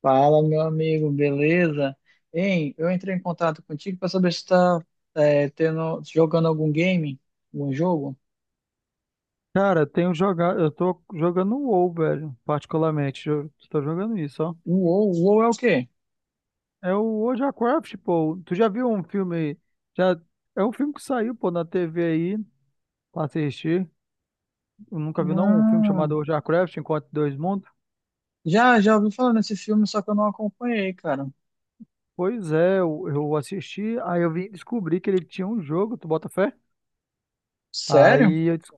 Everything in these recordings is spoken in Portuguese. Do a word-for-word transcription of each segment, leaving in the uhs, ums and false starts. Fala, meu amigo, beleza? Hein, eu entrei em contato contigo para saber se está tendo, jogando algum game, algum jogo. Cara, tenho jogado, eu tô jogando o WoW, velho, particularmente. Eu tô jogando isso, ó. O WoW, o WoW é o quê? É o World of Warcraft, pô. Tu já viu um filme? Já é um filme que saiu, pô, na T V aí pra assistir. Eu nunca vi não um filme chamado Hum. World of Warcraft, Enquanto Dois Mundos. Já, já ouvi falar nesse filme, só que eu não acompanhei, cara. Pois é, eu, eu assisti, aí eu vim descobrir que ele tinha um jogo, tu bota fé? Sério? Aí eu disse,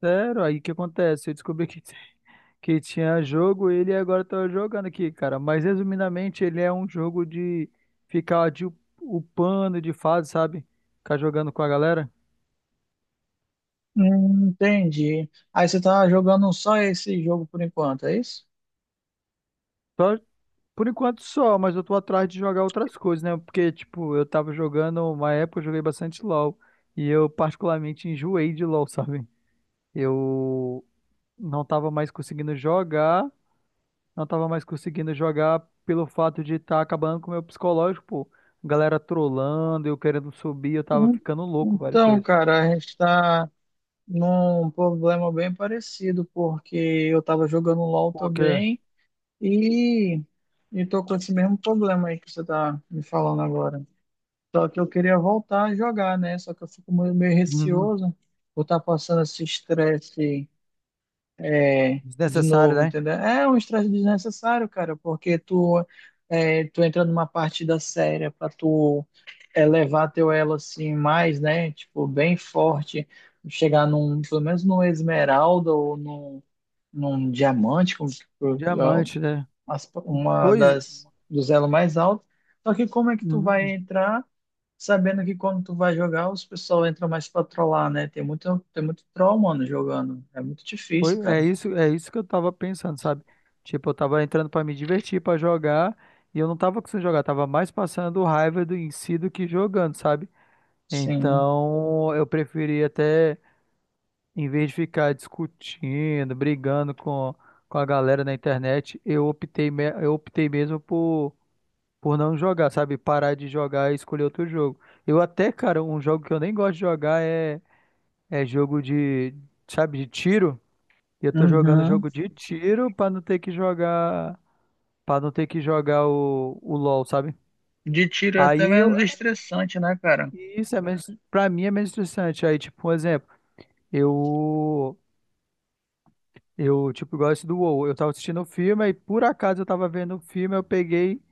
sério, aí o que acontece? Eu descobri que que tinha jogo, ele agora tá jogando aqui, cara. Mas resumidamente, ele é um jogo de ficar de upando de fase, sabe? Ficar jogando com a galera. Hum, entendi. Aí você tá jogando só esse jogo por enquanto, é isso? Só, por enquanto só, mas eu tô atrás de jogar outras coisas, né? Porque, tipo, eu tava jogando, uma época eu joguei bastante LoL. E eu particularmente enjoei de LoL, sabe? Eu não tava mais conseguindo jogar. Não tava mais conseguindo jogar pelo fato de estar acabando com o meu psicológico, pô. Galera trollando, eu querendo subir, eu tava Hum, ficando louco, velho, com Então, isso. cara, a gente está num problema bem parecido, porque eu tava jogando LoL Porque, também. E estou com esse mesmo problema aí que você está me falando agora. Só que eu queria voltar a jogar, né? Só que eu fico meio, meio uhum, receoso por estar passando esse estresse é, de desnecessário, novo, né? entendeu? É um estresse desnecessário, cara, porque tu, é, tu entra numa partida séria para tu elevar teu elo assim mais, né? Tipo, bem forte, chegar num, pelo menos num esmeralda ou num, num diamante, como, Diamante, né? as- uma Pois, das dos elos mais altos. Só que como é que tu vai uhum, entrar sabendo que quando tu vai jogar, os pessoal entra mais pra trollar, né? Tem muito, tem muito troll, mano, jogando. É muito difícil, foi, é cara. isso, é isso que eu tava pensando, sabe? Tipo, eu tava entrando pra me divertir, pra jogar, e eu não tava conseguindo jogar, tava mais passando raiva do em si do que jogando, sabe? Sim. Então, eu preferi até em vez de ficar discutindo, brigando com, com a galera na internet, eu optei, me- eu optei mesmo por, por não jogar, sabe? Parar de jogar e escolher outro jogo. Eu até, cara, um jogo que eu nem gosto de jogar é, é jogo de, sabe, de tiro. E eu tô jogando Uhum. jogo de tiro pra não ter que jogar, para não ter que jogar o, o LoL, sabe? De tiro é até Aí eu, menos estressante, né, cara? isso é menos, pra mim é menos interessante. Aí, tipo, um exemplo. Eu Eu, tipo, gosto do WoW. Eu tava assistindo o filme, aí por acaso eu tava vendo o filme, eu peguei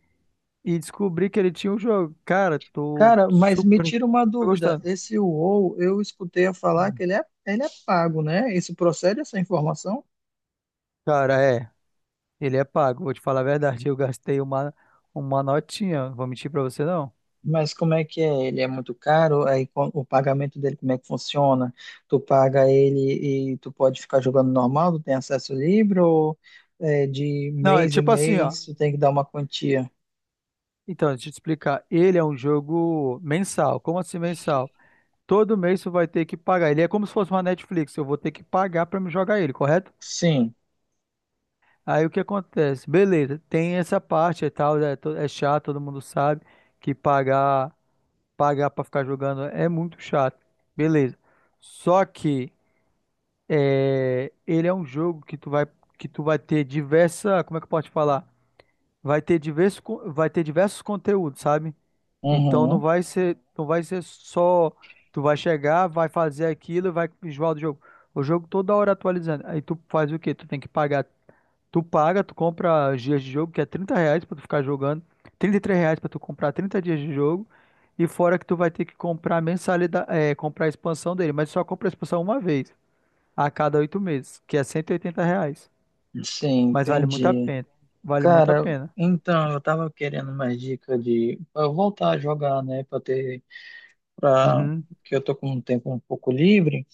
e descobri que ele tinha um jogo. Cara, tô Cara, mas me super tira uma tô dúvida. gostando. Esse WoW, eu escutei a falar que Hum. ele é, ele é pago, né? Isso procede essa informação? Cara, é, ele é pago, vou te falar a verdade. Eu gastei uma, uma notinha, vou mentir pra você não. Mas como é que é? Ele é muito caro? Aí co- o pagamento dele, como é que funciona? Tu paga ele e tu pode ficar jogando normal, tu tem acesso livre ou é, de Não, é mês em tipo assim, ó. mês tu tem que dar uma quantia? Então, deixa eu te explicar. Ele é um jogo mensal. Como assim mensal? Todo mês você vai ter que pagar. Ele é como se fosse uma Netflix, eu vou ter que pagar pra me jogar ele, correto? Sim. Aí o que acontece? Beleza, tem essa parte e tal, é, to- é chato, todo mundo sabe que pagar pagar para ficar jogando é muito chato. Beleza. Só que é, ele é um jogo que tu vai que tu vai ter diversa, como é que eu posso te falar? Vai ter diversos, con- vai ter diversos conteúdos, sabe? Então não Uhum. vai ser não vai ser só tu vai chegar, vai fazer aquilo, e vai enjoar do jogo. O jogo toda hora atualizando. Aí tu faz o quê? Tu tem que pagar. Tu paga, tu compra os dias de jogo, que é trinta reais pra tu ficar jogando, trinta e três reais pra tu comprar trinta dias de jogo, e fora que tu vai ter que comprar mensalidade, é, comprar a expansão dele, mas só compra a expansão uma vez, a cada oito meses, que é cento e oitenta reais. Sim, Mas vale muito a entendi. pena, vale muito a Cara, pena. então eu tava querendo mais dica de pra eu voltar a jogar, né, Pra ter para Uhum, que eu tô com um tempo um pouco livre.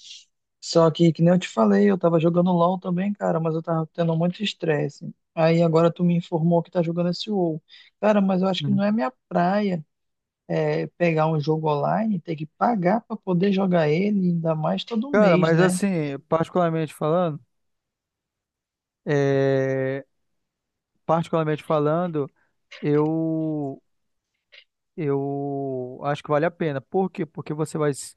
Só que, que nem eu te falei, eu tava jogando LoL também, cara, mas eu tava tendo muito estresse. Aí agora tu me informou que tá jogando esse WoW. Cara, mas eu acho que não uhum. é minha praia é, pegar um jogo online, ter que pagar pra poder jogar ele, ainda mais todo Cara, mês, mas né? assim, particularmente falando, é, particularmente falando, eu Eu acho que vale a pena. Por quê? Porque você vai, s-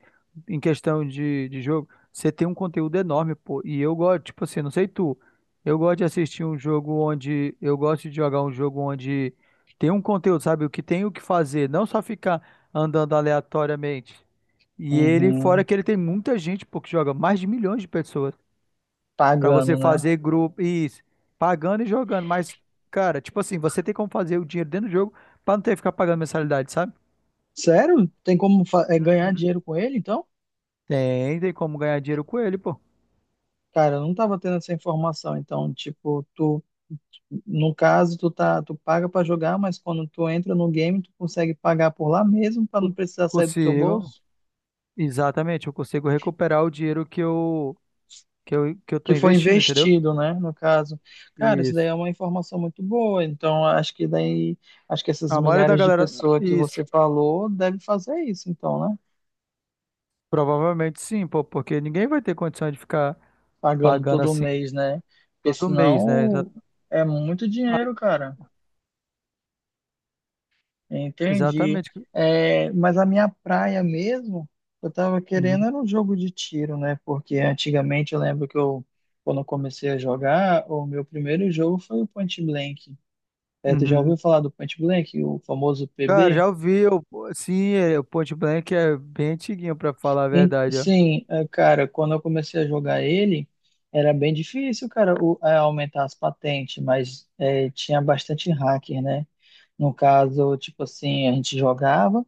em questão de, de, jogo, você tem um conteúdo enorme, pô. E eu gosto, tipo assim, não sei tu, eu gosto de assistir um jogo onde, eu gosto de jogar um jogo onde tem um conteúdo, sabe? O que tem o que fazer, não só ficar andando aleatoriamente. E ele, fora Uhum. que ele tem muita gente, pô, que joga mais de milhões de pessoas, pra você Pagando, né? fazer grupo, isso, pagando e jogando. Mas, cara, tipo assim, você tem como fazer o dinheiro dentro do jogo pra não ter que ficar pagando mensalidade, sabe? Sério? Tem como fa- é, ganhar dinheiro com ele, então? Tem, tem como ganhar dinheiro com ele, pô. Cara, eu não tava tendo essa informação. Então, tipo, tu no caso, tu tá, tu paga para jogar, mas quando tu entra no game, tu consegue pagar por lá mesmo para não Co- precisar sair do teu Consigo. bolso, Exatamente, eu consigo recuperar o dinheiro que eu, que eu, que eu que tô foi investindo, entendeu? investido, né, no caso. Cara, isso daí Isso. é uma informação muito boa. Então, acho que daí, acho que essas A maioria da milhares de galera. pessoas que Isso. você falou devem fazer isso, então, né? Provavelmente sim, pô, porque ninguém vai ter condição de ficar Pagando pagando todo assim mês, né? Porque todo mês, né? Exa- senão é muito Ah, dinheiro, cara. Entendi. exatamente. É, mas a minha praia mesmo, eu tava querendo Uhum. era um jogo de tiro, né? Porque antigamente eu lembro que eu, quando eu comecei a jogar, o meu primeiro jogo foi o Point Blank. É, tu já Uhum. ouviu falar do Point Blank, o famoso Cara, P B? já ouvi. Eu, sim, é, o Point Blank é bem antiguinho, pra falar a E, verdade, ó. sim, é, cara, quando eu comecei a jogar ele, era bem difícil, cara, o- é, aumentar as patentes, mas é, tinha bastante hacker, né? No caso, tipo assim, a gente jogava.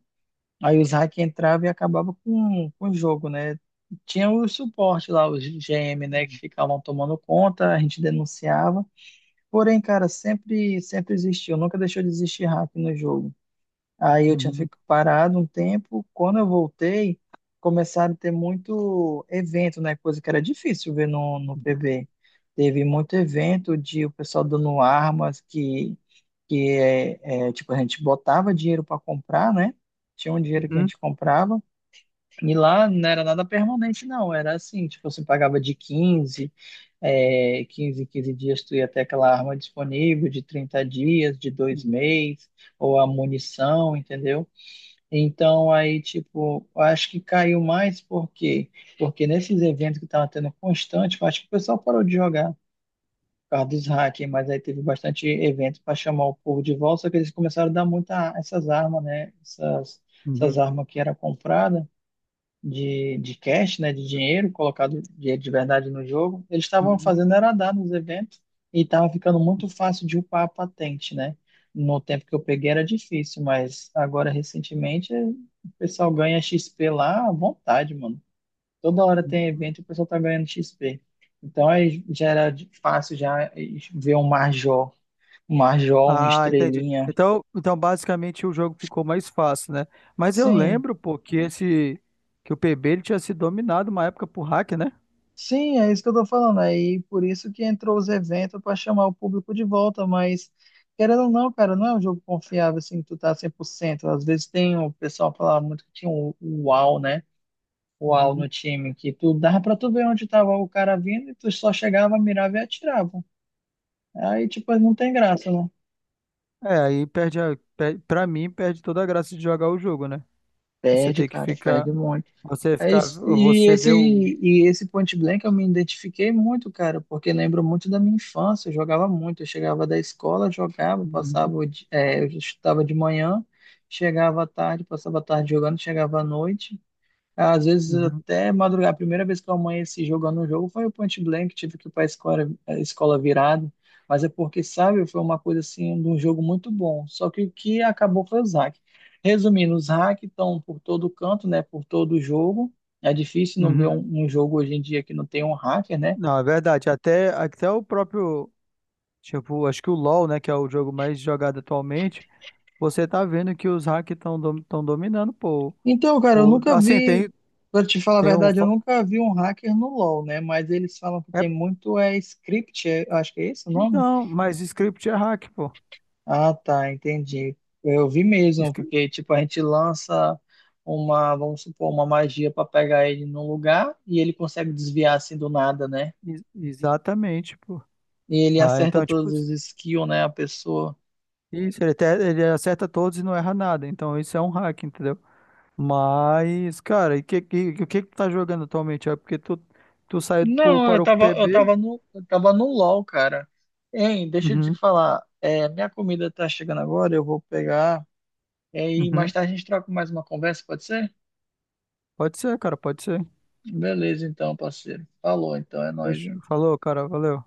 Aí os hack entravam e acabavam com, com o jogo, né? Tinha o suporte lá, os G M, né, que ficavam tomando conta, a gente denunciava. Porém, cara, sempre, sempre existiu, nunca deixou de existir hack no jogo. Aí eu tinha Uhum. ficado parado um tempo. Quando eu voltei, começaram a ter muito evento, né? Coisa que era difícil ver no, no P B. Teve muito evento de o pessoal dando armas que, que é, é, tipo, a gente botava dinheiro para comprar, né? Tinha um dinheiro que a Uhum. gente comprava. E lá não era nada permanente, não. Era assim, tipo, você pagava de quinze é, quinze quinze dias tu ia ter aquela arma disponível, de trinta dias, de dois Uhum. meses ou a munição, entendeu? Então, aí, tipo, eu acho que caiu mais porque, porque nesses eventos que estavam tendo constante, eu acho que o pessoal parou de jogar por causa dos hackers, mas aí teve bastante evento para chamar o povo de volta, só que eles começaram a dar muita essas armas, né? Essas, essas Uhum. armas que eram compradas de, de cash, né, de dinheiro, colocado dinheiro de verdade no jogo, eles estavam Uhum. fazendo era dar nos eventos e estava ficando muito fácil de upar a patente, né? No tempo que eu peguei era difícil, mas agora recentemente o pessoal ganha X P lá à vontade, mano. Toda hora tem Uhum. evento e o pessoal tá ganhando X P. Então aí já era de- fácil já ver um Marjol, um Marjol, um Ah, entendi. Estrelinha. Então, então basicamente o jogo ficou mais fácil, né? Mas eu Sim, lembro, pô, que esse que o P B ele tinha sido dominado uma época por hack, né? sim, é isso que eu tô falando. Aí por isso que entrou os eventos para chamar o público de volta, mas querendo ou não, cara, não é um jogo confiável assim, que tu tá cem por cento. Às vezes tem o pessoal falava muito que tinha o o UAU, né? O UAU Uhum. no time, que tu dava pra tu ver onde tava o cara vindo e tu só chegava, mirava e atirava. Aí, tipo, não tem graça, né? É, aí perde a, per- pra mim perde toda a graça de jogar o jogo, né? Você Perde, tem que cara, ficar, perde muito. você É ficar, isso. E você esse, vê o. e esse Point Blank eu me identifiquei muito, cara, porque lembro muito da minha infância. Eu jogava muito. Eu chegava da escola, jogava, Uhum. passava, o di- é, eu estudava de manhã, chegava à tarde, passava a tarde jogando, chegava à noite. Às vezes Uhum. até madrugar. A primeira vez que eu amanheci jogando um jogo foi o Point Blank, tive que ir para a escola, a escola virado. Mas é porque, sabe, foi uma coisa assim, de um jogo muito bom. Só que o que acabou foi os hacks. Resumindo, os hacks estão por todo canto, né? Por todo jogo. É difícil não ver um, Uhum. um jogo hoje em dia que não tem um hacker, né? Não, é verdade. Até, até o próprio, tipo, acho que o LoL, né, que é o jogo mais jogado atualmente, você tá vendo que os hacks estão dom, tão dominando, pô. Então, cara, eu O, nunca assim, vi, tem, para te falar a tem o. verdade, eu fa- nunca vi um hacker no LoL, né? Mas eles falam que É, tem muito é script, é- acho que é esse o nome? então, mas script é hack, pô. Ah, tá, entendi. Eu vi mesmo, Scri- porque tipo a gente lança uma, vamos supor, uma magia para pegar ele num lugar e ele consegue desviar assim do nada, né? Ex- exatamente, pô. E ele Ah, acerta então, todos tipo, os skills, né, a pessoa. isso, ele, até, ele acerta todos e não erra nada. Então, isso é um hack, entendeu? Mas, cara, e que, que, o que que tu tá jogando atualmente? É porque tu, tu saiu, pro- Não, eu parou com o tava, eu P B? tava no, eu tava no LOL, cara. Hein, deixa eu te Uhum, falar, é, minha comida tá chegando agora, eu vou pegar é, e mais uhum. tarde a gente troca mais uma conversa, pode ser? Pode ser, cara, pode ser. Beleza, então, parceiro. Falou, então, é nóis, Fechou. hein? Falou, cara, valeu.